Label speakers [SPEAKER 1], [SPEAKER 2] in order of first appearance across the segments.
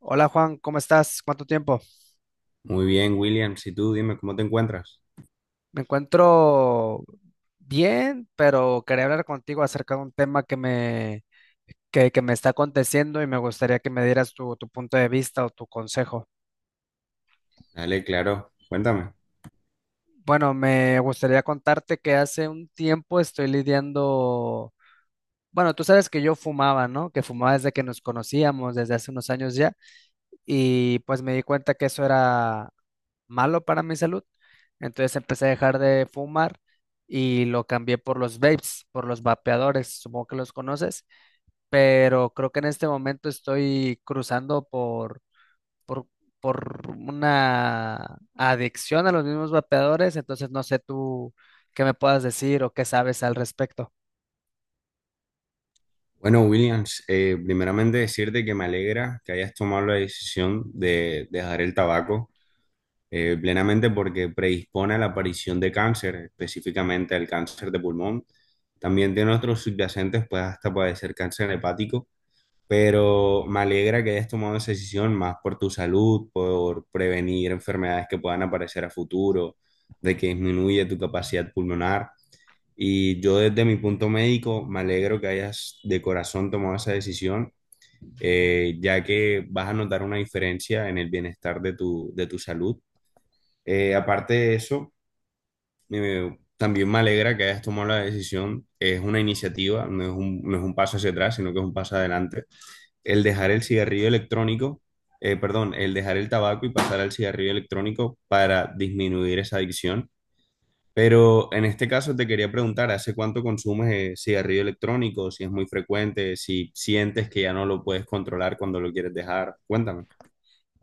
[SPEAKER 1] Hola Juan, ¿cómo estás? ¿Cuánto tiempo?
[SPEAKER 2] Muy bien, Williams. Y tú, dime, ¿cómo te encuentras?
[SPEAKER 1] Me encuentro bien, pero quería hablar contigo acerca de un tema que me está aconteciendo y me gustaría que me dieras tu punto de vista o tu consejo.
[SPEAKER 2] Dale, claro, cuéntame.
[SPEAKER 1] Bueno, me gustaría contarte que hace un tiempo estoy lidiando, bueno, tú sabes que yo fumaba, ¿no? Que fumaba desde que nos conocíamos, desde hace unos años ya, y pues me di cuenta que eso era malo para mi salud. Entonces empecé a dejar de fumar y lo cambié por los vapes, por los vapeadores, supongo que los conoces, pero creo que en este momento estoy cruzando por, por una adicción a los mismos vapeadores, entonces no sé tú qué me puedas decir o qué sabes al respecto.
[SPEAKER 2] Bueno, Williams, primeramente decirte que me alegra que hayas tomado la decisión de dejar el tabaco plenamente porque predispone a la aparición de cáncer, específicamente al cáncer de pulmón. También de nuestros subyacentes puede hasta padecer cáncer hepático. Pero me alegra que hayas tomado esa decisión más por tu salud, por prevenir enfermedades que puedan aparecer a futuro, de que disminuye tu capacidad pulmonar. Y yo desde mi punto médico me alegro que hayas de corazón tomado esa decisión, ya que vas a notar una diferencia en el bienestar de tu salud. Aparte de eso, también me alegra que hayas tomado la decisión. Es una iniciativa, no es un paso hacia atrás, sino que es un paso adelante el dejar el cigarrillo electrónico, perdón, el dejar el tabaco y pasar al cigarrillo electrónico para disminuir esa adicción. Pero en este caso te quería preguntar, ¿hace cuánto consumes cigarrillo electrónico? Si es muy frecuente, si sientes que ya no lo puedes controlar cuando lo quieres dejar. Cuéntame.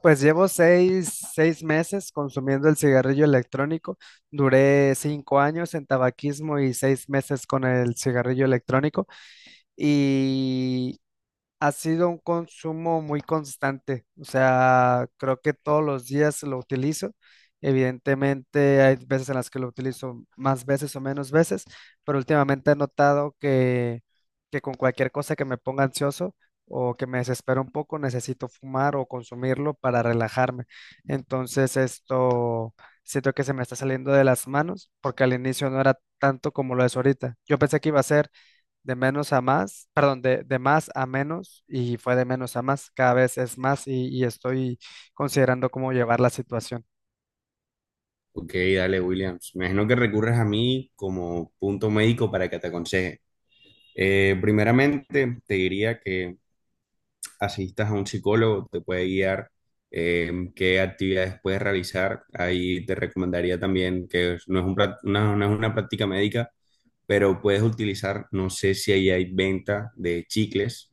[SPEAKER 1] Pues llevo seis meses consumiendo el cigarrillo electrónico. Duré 5 años en tabaquismo y 6 meses con el cigarrillo electrónico. Y ha sido un consumo muy constante. O sea, creo que todos los días lo utilizo. Evidentemente hay veces en las que lo utilizo más veces o menos veces, pero últimamente he notado que con cualquier cosa que me ponga ansioso o que me desespera un poco, necesito fumar o consumirlo para relajarme. Entonces esto siento que se me está saliendo de las manos porque al inicio no era tanto como lo es ahorita. Yo pensé que iba a ser de menos a más, perdón, de más a menos y fue de menos a más, cada vez es más y estoy considerando cómo llevar la situación.
[SPEAKER 2] Ok, dale, Williams. Me imagino que recurres a mí como punto médico para que te aconseje. Primeramente, te diría que asistas a un psicólogo, te puede guiar qué actividades puedes realizar. Ahí te recomendaría también que es- no es un prac- no- no es una práctica médica, pero puedes utilizar, no sé si ahí hay venta de chicles,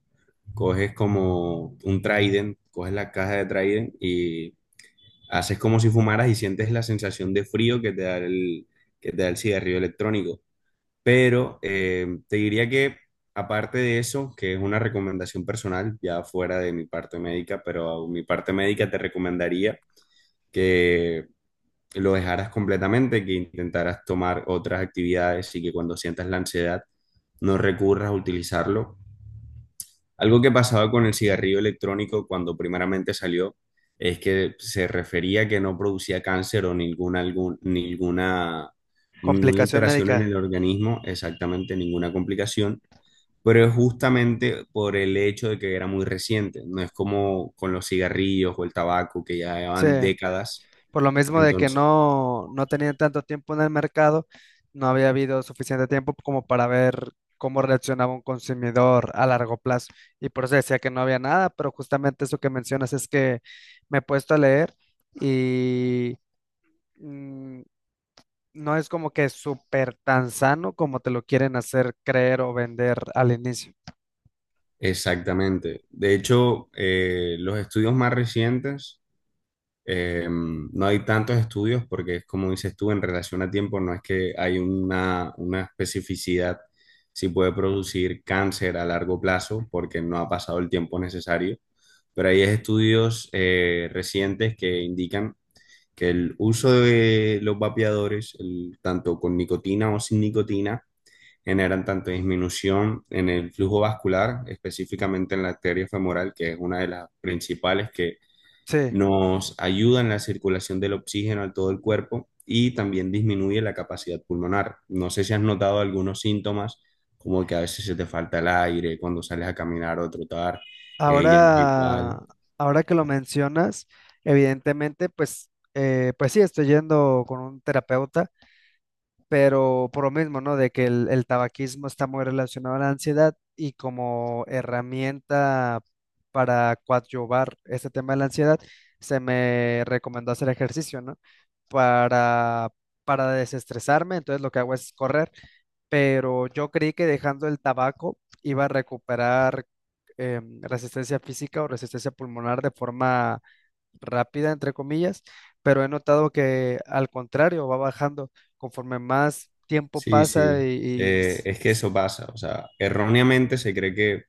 [SPEAKER 2] coges como un Trident, coges la caja de Trident y haces como si fumaras y sientes la sensación de frío que que te da el cigarrillo electrónico. Pero te diría que aparte de eso, que es una recomendación personal, ya fuera de mi parte médica, pero mi parte médica te recomendaría que lo dejaras completamente, que intentaras tomar otras actividades y que cuando sientas la ansiedad no recurras a utilizarlo. Algo que pasaba con el cigarrillo electrónico cuando primeramente salió es que se refería que no producía cáncer o ninguna
[SPEAKER 1] Complicación
[SPEAKER 2] alteración
[SPEAKER 1] médica,
[SPEAKER 2] en el organismo, exactamente ninguna complicación, pero es justamente por el hecho de que era muy reciente, no es como con los cigarrillos o el tabaco que ya
[SPEAKER 1] sí,
[SPEAKER 2] llevan décadas.
[SPEAKER 1] por lo mismo de que
[SPEAKER 2] Entonces,
[SPEAKER 1] no tenía tanto tiempo en el mercado, no había habido suficiente tiempo como para ver cómo reaccionaba un consumidor a largo plazo y por eso decía que no había nada, pero justamente eso que mencionas es que me he puesto a leer y... mm, no es como que súper tan sano como te lo quieren hacer creer o vender al inicio.
[SPEAKER 2] exactamente. De hecho, los estudios más recientes, no hay tantos estudios porque es como dices tú, en relación a tiempo no es que hay una especificidad si puede producir cáncer a largo plazo porque no ha pasado el tiempo necesario, pero hay estudios recientes que indican que el uso de los vapeadores, tanto con nicotina o sin nicotina, generan tanto disminución en el flujo vascular, específicamente en la arteria femoral, que es una de las principales que
[SPEAKER 1] Sí,
[SPEAKER 2] nos ayuda en la circulación del oxígeno a todo el cuerpo y también disminuye la capacidad pulmonar. No sé si has notado algunos síntomas, como que a veces se te falta el aire cuando sales a caminar o a trotar, ya no es igual.
[SPEAKER 1] ahora, ahora que lo mencionas, evidentemente, pues, pues sí, estoy yendo con un terapeuta. Pero por lo mismo, ¿no? De que el tabaquismo está muy relacionado a la ansiedad y como herramienta para coadyuvar este tema de la ansiedad, se me recomendó hacer ejercicio, ¿no? Para, para desestresarme, entonces lo que hago es correr, pero yo creí que dejando el tabaco iba a recuperar resistencia física o resistencia pulmonar de forma rápida, entre comillas, pero he notado que al contrario, va bajando conforme más tiempo
[SPEAKER 2] Sí,
[SPEAKER 1] pasa
[SPEAKER 2] sí,
[SPEAKER 1] y, y s-
[SPEAKER 2] Es que
[SPEAKER 1] s-
[SPEAKER 2] eso pasa, o sea, erróneamente se cree que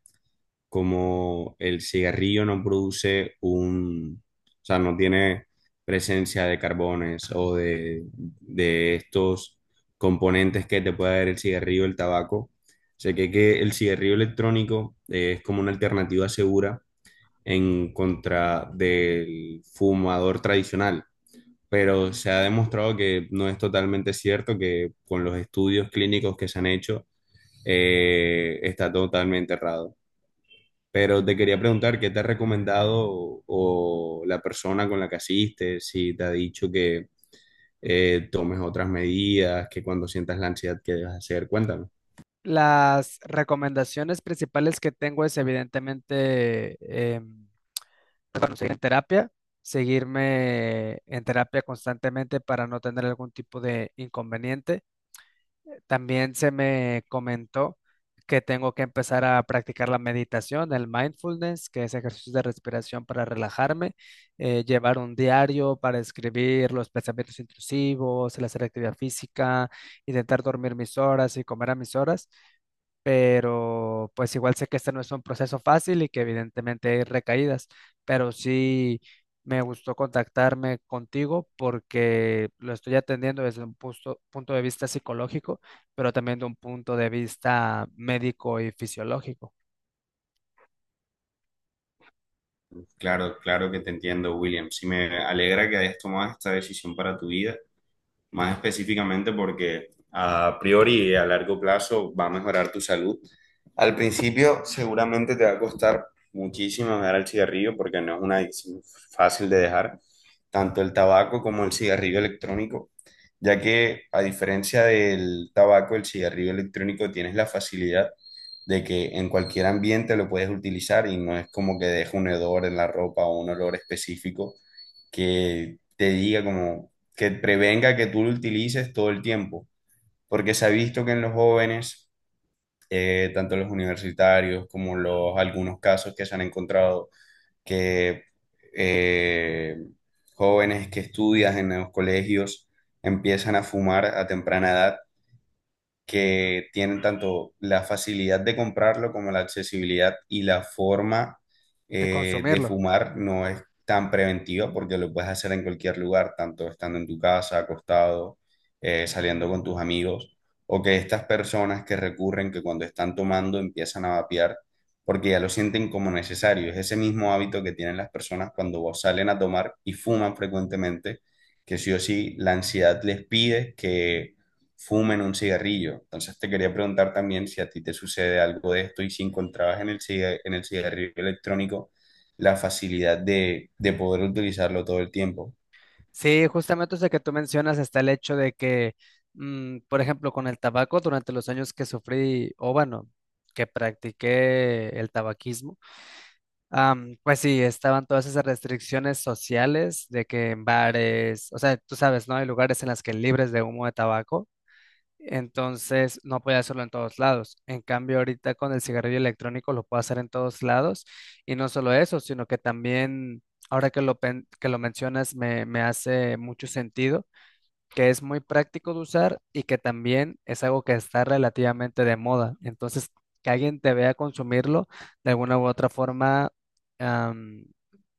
[SPEAKER 2] como el cigarrillo no produce un, o sea, no tiene presencia de carbones o de estos componentes que te puede dar el cigarrillo, el tabaco. Sé que el cigarrillo electrónico es como una alternativa segura en contra del fumador tradicional, pero se ha demostrado que no es totalmente cierto, que con los estudios clínicos que se han hecho, está totalmente errado. Pero te quería preguntar, ¿qué te ha recomendado o la persona con la que asistes? Si te ha dicho que tomes otras medidas, que cuando sientas la ansiedad, ¿qué debes hacer? Cuéntame.
[SPEAKER 1] Las recomendaciones principales que tengo es evidentemente, em, bueno, seguir en terapia, seguirme en terapia constantemente para no tener algún tipo de inconveniente. También se me comentó que tengo que empezar a practicar la meditación, el mindfulness, que es ejercicio de respiración para relajarme, llevar un diario para escribir los pensamientos intrusivos, el hacer actividad física, intentar dormir mis horas y comer a mis horas, pero pues igual sé que este no es un proceso fácil y que evidentemente hay recaídas, pero sí me gustó contactarme contigo porque lo estoy atendiendo desde un punto de vista psicológico, pero también de un punto de vista médico y fisiológico,
[SPEAKER 2] Claro, claro que te entiendo, William. Sí me alegra que hayas tomado esta decisión para tu vida, más específicamente porque a priori y a largo plazo va a mejorar tu salud. Al principio seguramente te va a costar muchísimo dejar el cigarrillo porque no es una adicción fácil de dejar, tanto el tabaco como el cigarrillo electrónico, ya que a diferencia del tabaco, el cigarrillo electrónico tienes la facilidad de que en cualquier ambiente lo puedes utilizar y no es como que deje un hedor en la ropa o un olor específico que te diga como que prevenga que tú lo utilices todo el tiempo, porque se ha visto que en los jóvenes, tanto los universitarios como los algunos casos que se han encontrado, que eh, jóvenes que estudian en los colegios empiezan a fumar a temprana edad, que tienen tanto la facilidad de comprarlo como la accesibilidad y la forma
[SPEAKER 1] de
[SPEAKER 2] de
[SPEAKER 1] consumirlo.
[SPEAKER 2] fumar no es tan preventiva porque lo puedes hacer en cualquier lugar, tanto estando en tu casa, acostado, saliendo con tus amigos, o que estas personas que recurren, que cuando están tomando empiezan a vapear porque ya lo sienten como necesario. Es ese mismo hábito que tienen las personas cuando salen a tomar y fuman frecuentemente, que sí o sí la ansiedad les pide que fumen un cigarrillo. Entonces te quería preguntar también si a ti te sucede algo de esto y si encontrabas en en el cigarrillo electrónico la facilidad de poder utilizarlo todo el tiempo.
[SPEAKER 1] Sí, justamente eso que tú mencionas está el hecho de que, mm, por ejemplo, con el tabaco, durante los años que sufrí, o bueno, que practiqué el tabaquismo, am, pues sí, estaban todas esas restricciones sociales de que en bares, o sea, tú sabes, ¿no? Hay lugares en las que libres de humo de tabaco, entonces no podía hacerlo en todos lados. En cambio, ahorita con el cigarrillo electrónico lo puedo hacer en todos lados y no solo eso, sino que también, ahora que lo mencionas, me hace mucho sentido que es muy práctico de usar y que también es algo que está relativamente de moda. Entonces, que alguien te vea consumirlo, de alguna u otra forma, am,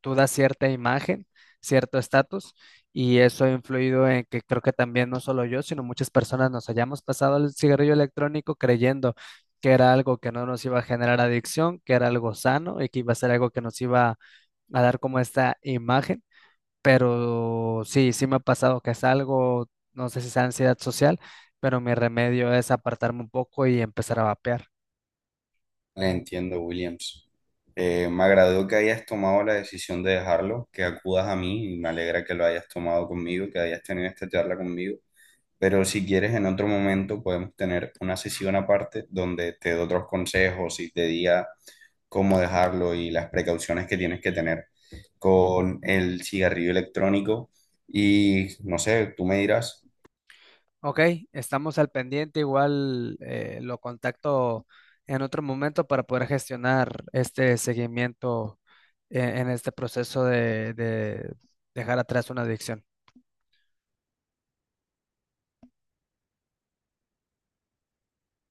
[SPEAKER 1] tú das cierta imagen, cierto estatus, y eso ha influido en que creo que también no solo yo, sino muchas personas nos hayamos pasado al cigarrillo electrónico creyendo que era algo que no nos iba a generar adicción, que era algo sano y que iba a ser algo que nos iba a dar como esta imagen, pero sí, sí me ha pasado que es algo, no sé si es ansiedad social, pero mi remedio es apartarme un poco y empezar a vapear.
[SPEAKER 2] Entiendo, Williams. Me agradó que hayas tomado la decisión de dejarlo, que acudas a mí y me alegra que lo hayas tomado conmigo, que hayas tenido esta charla conmigo. Pero si quieres, en otro momento podemos tener una sesión aparte donde te doy otros consejos y te diga cómo dejarlo y las precauciones que tienes que tener con el cigarrillo electrónico. Y no sé, tú me dirás.
[SPEAKER 1] Ok, estamos al pendiente, igual lo contacto en otro momento para poder gestionar este seguimiento en este proceso de dejar atrás una adicción.